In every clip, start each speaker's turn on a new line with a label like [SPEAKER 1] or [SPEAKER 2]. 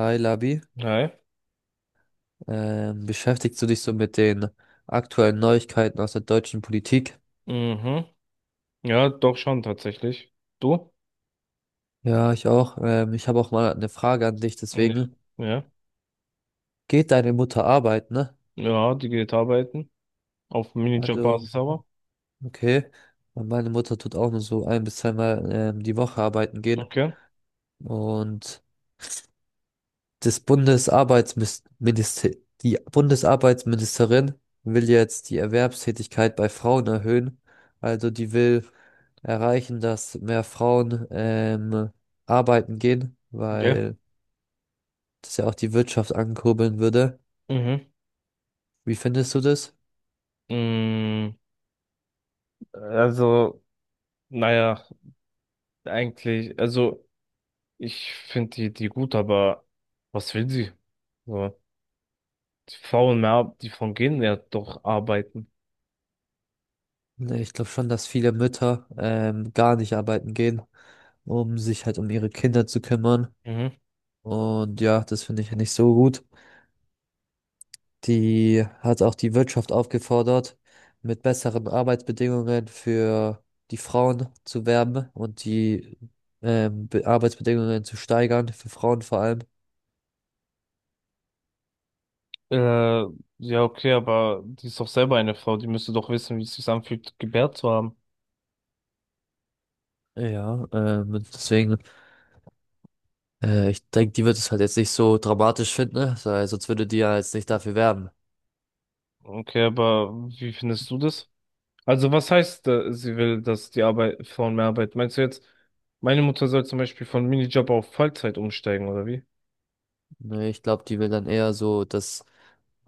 [SPEAKER 1] Hi Labi,
[SPEAKER 2] Hi.
[SPEAKER 1] beschäftigst du dich so mit den aktuellen Neuigkeiten aus der deutschen Politik?
[SPEAKER 2] Mhm. Ja, doch schon tatsächlich. Du?
[SPEAKER 1] Ja, ich auch. Ich habe auch mal eine Frage an dich,
[SPEAKER 2] Ja.
[SPEAKER 1] deswegen.
[SPEAKER 2] Ja,
[SPEAKER 1] Geht deine Mutter arbeiten, ne?
[SPEAKER 2] ja, die geht arbeiten. Auf
[SPEAKER 1] Also,
[SPEAKER 2] Minijob-Basis aber.
[SPEAKER 1] okay. Und meine Mutter tut auch nur so ein bis zweimal die Woche arbeiten gehen.
[SPEAKER 2] Okay.
[SPEAKER 1] Und das Bundesarbeitsminister, die Bundesarbeitsministerin will jetzt die Erwerbstätigkeit bei Frauen erhöhen. Also die will erreichen, dass mehr Frauen arbeiten gehen,
[SPEAKER 2] Okay.
[SPEAKER 1] weil das ja auch die Wirtschaft ankurbeln würde.
[SPEAKER 2] Mhm.
[SPEAKER 1] Wie findest du das?
[SPEAKER 2] Mm, Also, naja, eigentlich, also ich finde die gut, aber was will sie? So, die faulen mehr ab, die von gehen ja doch arbeiten.
[SPEAKER 1] Ne, ich glaube schon, dass viele Mütter gar nicht arbeiten gehen, um sich halt um ihre Kinder zu kümmern.
[SPEAKER 2] Mhm.
[SPEAKER 1] Und ja, das finde ich ja nicht so gut. Die hat auch die Wirtschaft aufgefordert, mit besseren Arbeitsbedingungen für die Frauen zu werben und die Arbeitsbedingungen zu steigern, für Frauen vor allem.
[SPEAKER 2] Äh, ja, okay, aber die ist doch selber eine Frau, die müsste doch wissen, wie es sich anfühlt, gebärt zu haben.
[SPEAKER 1] Ja, deswegen, ich denke, die wird es halt jetzt nicht so dramatisch finden, ne? Weil sonst würde die ja jetzt nicht dafür werben.
[SPEAKER 2] Okay, aber wie findest du das? Also was heißt, sie will, dass die Arbeit, Frauen mehr arbeiten? Meinst du jetzt, meine Mutter soll zum Beispiel von Minijob auf Vollzeit umsteigen oder wie?
[SPEAKER 1] Nee, ich glaube, die will dann eher so, dass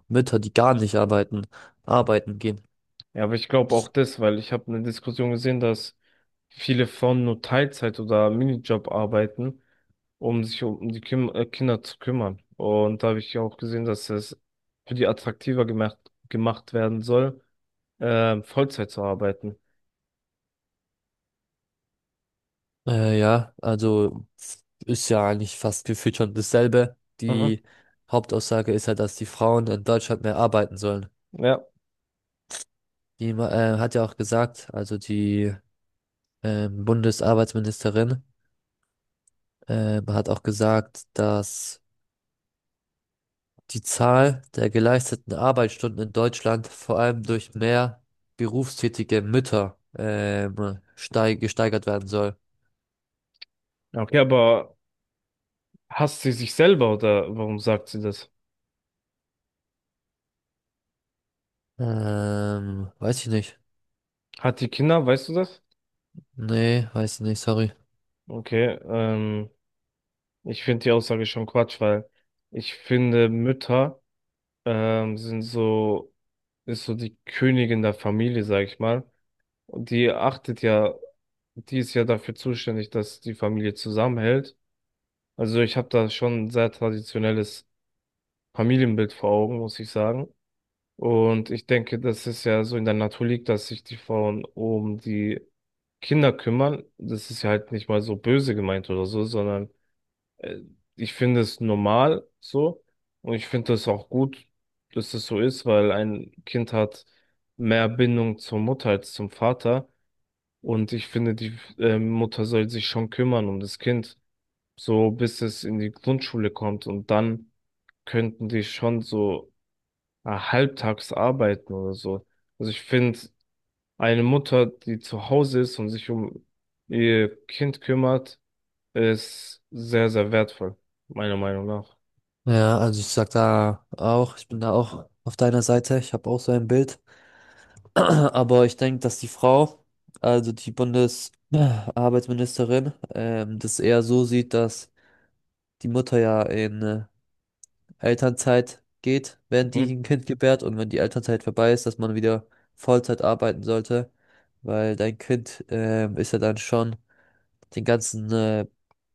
[SPEAKER 1] Mütter, die gar nicht arbeiten, arbeiten gehen.
[SPEAKER 2] Ja, aber ich glaube auch das, weil ich habe eine Diskussion gesehen, dass viele Frauen nur Teilzeit oder Minijob arbeiten, um sich um die Kim Kinder zu kümmern. Und da habe ich auch gesehen, dass es für die attraktiver gemacht werden soll, Vollzeit zu arbeiten.
[SPEAKER 1] Ja, also ist ja eigentlich fast gefühlt schon dasselbe.
[SPEAKER 2] Mhm.
[SPEAKER 1] Die Hauptaussage ist ja, dass die Frauen in Deutschland mehr arbeiten sollen.
[SPEAKER 2] Ja.
[SPEAKER 1] Die hat ja auch gesagt, also die Bundesarbeitsministerin hat auch gesagt, dass die Zahl der geleisteten Arbeitsstunden in Deutschland vor allem durch mehr berufstätige Mütter steig gesteigert werden soll.
[SPEAKER 2] Okay, aber hasst sie sich selber oder warum sagt sie das?
[SPEAKER 1] Weiß ich nicht.
[SPEAKER 2] Hat die Kinder, weißt du das?
[SPEAKER 1] Nee, weiß ich nicht, sorry.
[SPEAKER 2] Okay, ich finde die Aussage schon Quatsch, weil ich finde, Mütter sind so, ist so die Königin der Familie, sag ich mal. Und die achtet ja, die ist ja dafür zuständig, dass die Familie zusammenhält. Also ich habe da schon ein sehr traditionelles Familienbild vor Augen, muss ich sagen. Und ich denke, das ist ja so in der Natur liegt, dass sich die Frauen um die Kinder kümmern. Das ist ja halt nicht mal so böse gemeint oder so, sondern Äh, ich finde es normal so und ich finde es auch gut, dass es so ist, weil ein Kind hat mehr Bindung zur Mutter als zum Vater und ich finde, die Mutter soll sich schon kümmern um das Kind, so bis es in die Grundschule kommt und dann könnten die schon so halbtags arbeiten oder so. Also ich finde, eine Mutter, die zu Hause ist und sich um ihr Kind kümmert, ist sehr, sehr wertvoll, meiner Meinung nach.
[SPEAKER 1] Ja, also ich sag da auch, ich bin da auch auf deiner Seite. Ich habe auch so ein Bild. Aber ich denke, dass die Frau, also die Bundesarbeitsministerin, das eher so sieht, dass die Mutter ja in Elternzeit geht, wenn die
[SPEAKER 2] Mhm.
[SPEAKER 1] ein Kind gebärt und wenn die Elternzeit vorbei ist, dass man wieder Vollzeit arbeiten sollte, weil dein Kind ist ja dann schon den ganzen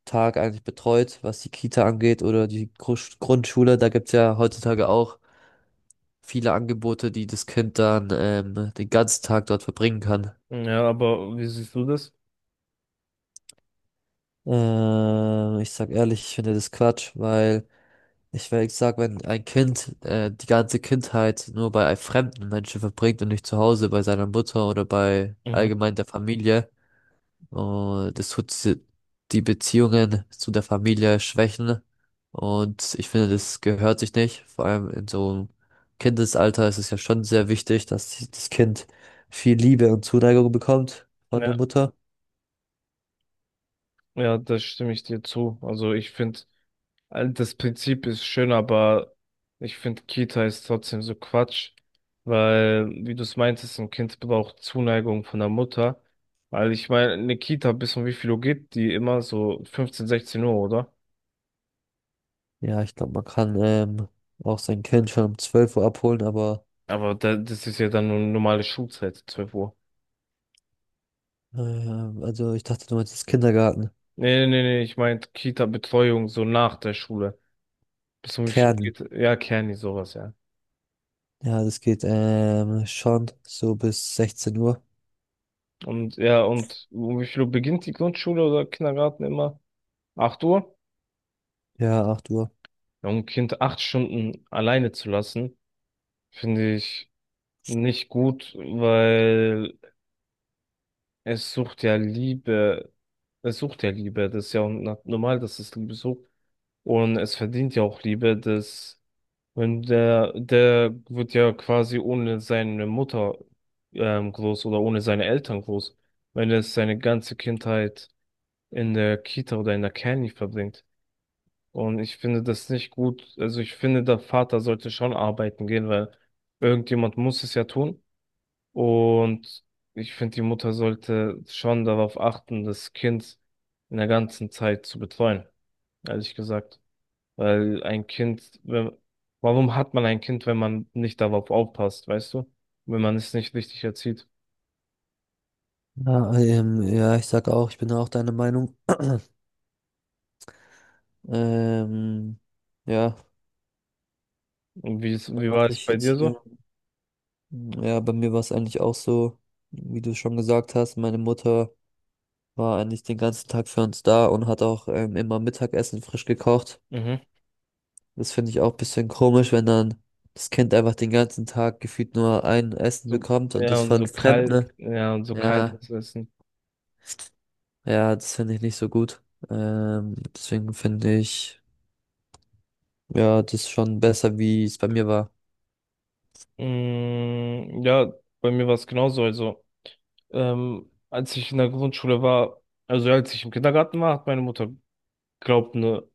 [SPEAKER 1] Tag eigentlich betreut, was die Kita angeht oder die Grundschule. Da gibt's ja heutzutage auch viele Angebote, die das Kind dann den ganzen Tag dort verbringen kann.
[SPEAKER 2] Ja, aber wie siehst du das?
[SPEAKER 1] Ich sag ehrlich, ich finde das Quatsch, weil ich sag, wenn ein Kind die ganze Kindheit nur bei einem fremden Menschen verbringt und nicht zu Hause bei seiner Mutter oder bei
[SPEAKER 2] Mhm.
[SPEAKER 1] allgemein der Familie. Und die Beziehungen zu der Familie schwächen. Und ich finde, das gehört sich nicht. Vor allem in so einem Kindesalter ist es ja schon sehr wichtig, dass das Kind viel Liebe und Zuneigung bekommt von der
[SPEAKER 2] Ja,
[SPEAKER 1] Mutter.
[SPEAKER 2] ja, da stimme ich dir zu. Also ich finde, das Prinzip ist schön, aber ich finde, Kita ist trotzdem so Quatsch, weil, wie du es meintest, ein Kind braucht Zuneigung von der Mutter. Weil ich meine, eine Kita bis um wie viel Uhr geht die immer? So 15, 16 Uhr, oder?
[SPEAKER 1] Ja, ich glaube, man kann auch sein Kind schon um 12 Uhr abholen, aber
[SPEAKER 2] Aber da, das ist ja dann nur normale Schulzeit, 12 Uhr.
[SPEAKER 1] also ich dachte, du meinst das Kindergarten.
[SPEAKER 2] Nee, nee, nee, nee, ich meinte Kita-Betreuung so nach der Schule. Bis um wie viel Uhr
[SPEAKER 1] Kern.
[SPEAKER 2] geht? Ja, Kerni, sowas, ja.
[SPEAKER 1] Ja, das geht schon so bis 16 Uhr.
[SPEAKER 2] Und ja, und um wie viel Uhr beginnt die Grundschule oder Kindergarten immer? 8 Uhr?
[SPEAKER 1] Ja, 8 Uhr.
[SPEAKER 2] Ja, um ein Kind 8 Stunden alleine zu lassen, finde ich nicht gut, weil es sucht ja Liebe. Es sucht ja Liebe. Das ist ja normal, dass es Liebe sucht. Und es verdient ja auch Liebe, dass wenn der, der wird ja quasi ohne seine Mutter groß oder ohne seine Eltern groß. Wenn es seine ganze Kindheit in der Kita oder in der Kani verbringt. Und ich finde das nicht gut. Also ich finde, der Vater sollte schon arbeiten gehen, weil irgendjemand muss es ja tun. Und ich finde, die Mutter sollte schon darauf achten, das Kind in der ganzen Zeit zu betreuen, ehrlich gesagt. Weil ein Kind, wenn, warum hat man ein Kind, wenn man nicht darauf aufpasst, weißt du? Wenn man es nicht richtig erzieht.
[SPEAKER 1] Ja, ja, ich sag auch, ich bin auch deiner Meinung. Ähm, ja,
[SPEAKER 2] Und wie
[SPEAKER 1] was
[SPEAKER 2] war es
[SPEAKER 1] ich
[SPEAKER 2] bei
[SPEAKER 1] jetzt
[SPEAKER 2] dir
[SPEAKER 1] hier,
[SPEAKER 2] so?
[SPEAKER 1] ja, bei mir war es eigentlich auch so, wie du schon gesagt hast, meine Mutter war eigentlich den ganzen Tag für uns da und hat auch immer Mittagessen frisch gekocht.
[SPEAKER 2] Mhm.
[SPEAKER 1] Das finde ich auch ein bisschen komisch, wenn dann das Kind einfach den ganzen Tag gefühlt nur ein Essen
[SPEAKER 2] So,
[SPEAKER 1] bekommt und
[SPEAKER 2] ja,
[SPEAKER 1] das
[SPEAKER 2] und
[SPEAKER 1] von Fremden, ne?
[SPEAKER 2] und so
[SPEAKER 1] Ja,
[SPEAKER 2] kaltes Essen.
[SPEAKER 1] ja, das finde ich nicht so gut. Deswegen finde ich, ja, das schon besser, wie es bei mir war.
[SPEAKER 2] Mm, ja, bei mir war es genauso. Also, ähm, als ich in der Grundschule war, also ja, als ich im Kindergarten war, hat meine Mutter, glaubt, eine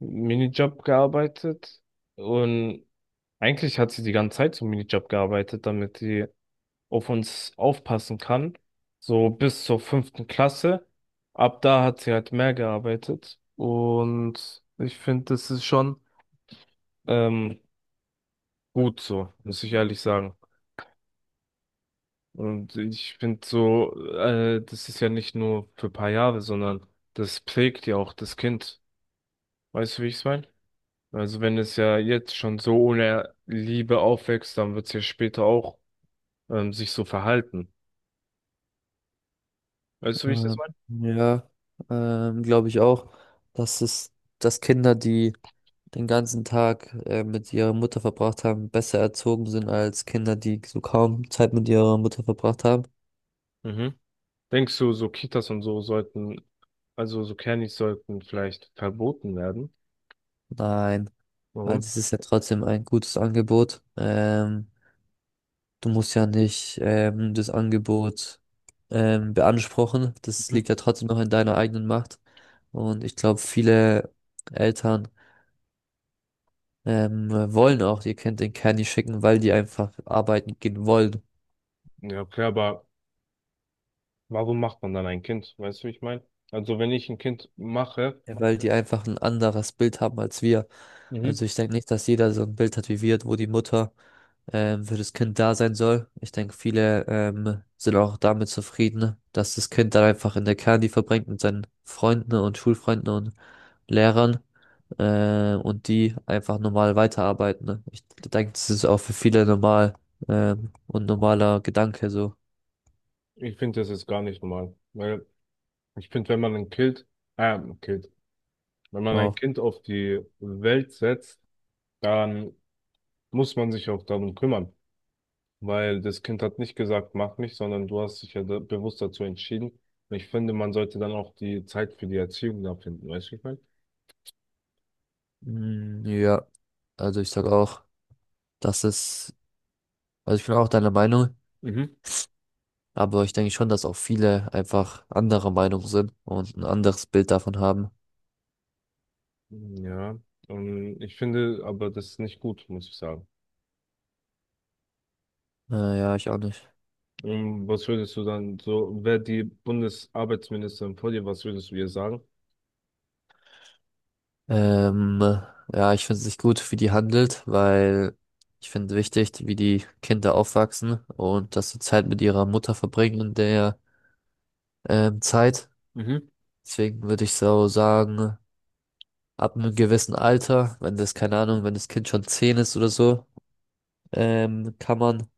[SPEAKER 2] Minijob gearbeitet. Und eigentlich hat sie die ganze Zeit so einen Minijob gearbeitet, damit sie auf uns aufpassen kann. So bis zur fünften Klasse. Ab da hat sie halt mehr gearbeitet. Und ich finde, das ist schon ähm, gut so, muss ich ehrlich sagen. Und ich finde so, das ist ja nicht nur für ein paar Jahre, sondern das prägt ja auch das Kind. Weißt du, wie ich es meine? Also wenn es ja jetzt schon so ohne Liebe aufwächst, dann wird es ja später auch sich so verhalten. Weißt du, wie ich das
[SPEAKER 1] Ähm,
[SPEAKER 2] meine?
[SPEAKER 1] ja, glaube ich auch, dass es, dass Kinder, die den ganzen Tag mit ihrer Mutter verbracht haben, besser erzogen sind als Kinder, die so kaum Zeit mit ihrer Mutter verbracht haben.
[SPEAKER 2] Mhm. Denkst du, so Kitas und so sollten, also so Kernis sollten vielleicht verboten werden?
[SPEAKER 1] Nein, weil
[SPEAKER 2] Warum?
[SPEAKER 1] das ist ja trotzdem ein gutes Angebot. Du musst ja nicht das Angebot beanspruchen. Das
[SPEAKER 2] Mhm.
[SPEAKER 1] liegt ja trotzdem noch in deiner eigenen Macht. Und ich glaube, viele Eltern wollen auch. Ihr könnt den Candy schicken, weil die einfach arbeiten gehen wollen.
[SPEAKER 2] Ja, okay, aber warum macht man dann ein Kind? Weißt du, wie ich meine? Also wenn ich ein Kind mache,
[SPEAKER 1] Ja. Weil die einfach ein anderes Bild haben als wir.
[SPEAKER 2] Mhm.
[SPEAKER 1] Also ich denke nicht, dass jeder so ein Bild hat wie wir, wo die Mutter für das Kind da sein soll. Ich denke, viele sind auch damit zufrieden, dass das Kind dann einfach in der Candy verbringt mit seinen Freunden und Schulfreunden und Lehrern und die einfach normal weiterarbeiten, ne? Ich denke, das ist auch für viele normal und normaler Gedanke so.
[SPEAKER 2] Ich finde, das ist gar nicht normal. Weil ich finde, wenn man ein äh, ein Kind, wenn man ein
[SPEAKER 1] Wow.
[SPEAKER 2] Kind auf die Welt setzt, dann muss man sich auch darum kümmern, weil das Kind hat nicht gesagt, mach mich, sondern du hast dich ja da, bewusst dazu entschieden. Und ich finde, man sollte dann auch die Zeit für die Erziehung da finden, weißt du, wie ich meine?
[SPEAKER 1] Mm, ja, also ich sag auch, dass es, also ich bin auch deiner Meinung,
[SPEAKER 2] Mhm.
[SPEAKER 1] aber ich denke schon, dass auch viele einfach anderer Meinung sind und ein anderes Bild davon haben.
[SPEAKER 2] Ja, ich finde aber das ist nicht gut, muss ich sagen.
[SPEAKER 1] Ja, ich auch nicht.
[SPEAKER 2] Was würdest du dann so, wäre die Bundesarbeitsministerin vor dir, was würdest du ihr sagen?
[SPEAKER 1] Ähm, ja, ich finde es nicht gut, wie die handelt, weil ich finde wichtig, wie die Kinder aufwachsen und dass sie Zeit mit ihrer Mutter verbringen in der Zeit.
[SPEAKER 2] Mhm.
[SPEAKER 1] Deswegen würde ich so sagen, ab einem gewissen Alter, wenn das, keine Ahnung, wenn das Kind schon 10 ist oder so, kann man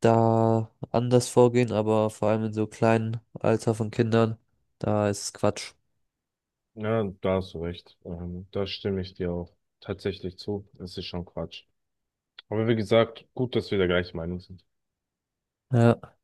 [SPEAKER 1] da anders vorgehen, aber vor allem in so kleinen Alter von Kindern, da ist es Quatsch.
[SPEAKER 2] Ja, da hast du recht. Da stimme ich dir auch tatsächlich zu. Das ist schon Quatsch. Aber wie gesagt, gut, dass wir der gleichen Meinung sind.
[SPEAKER 1] Ja.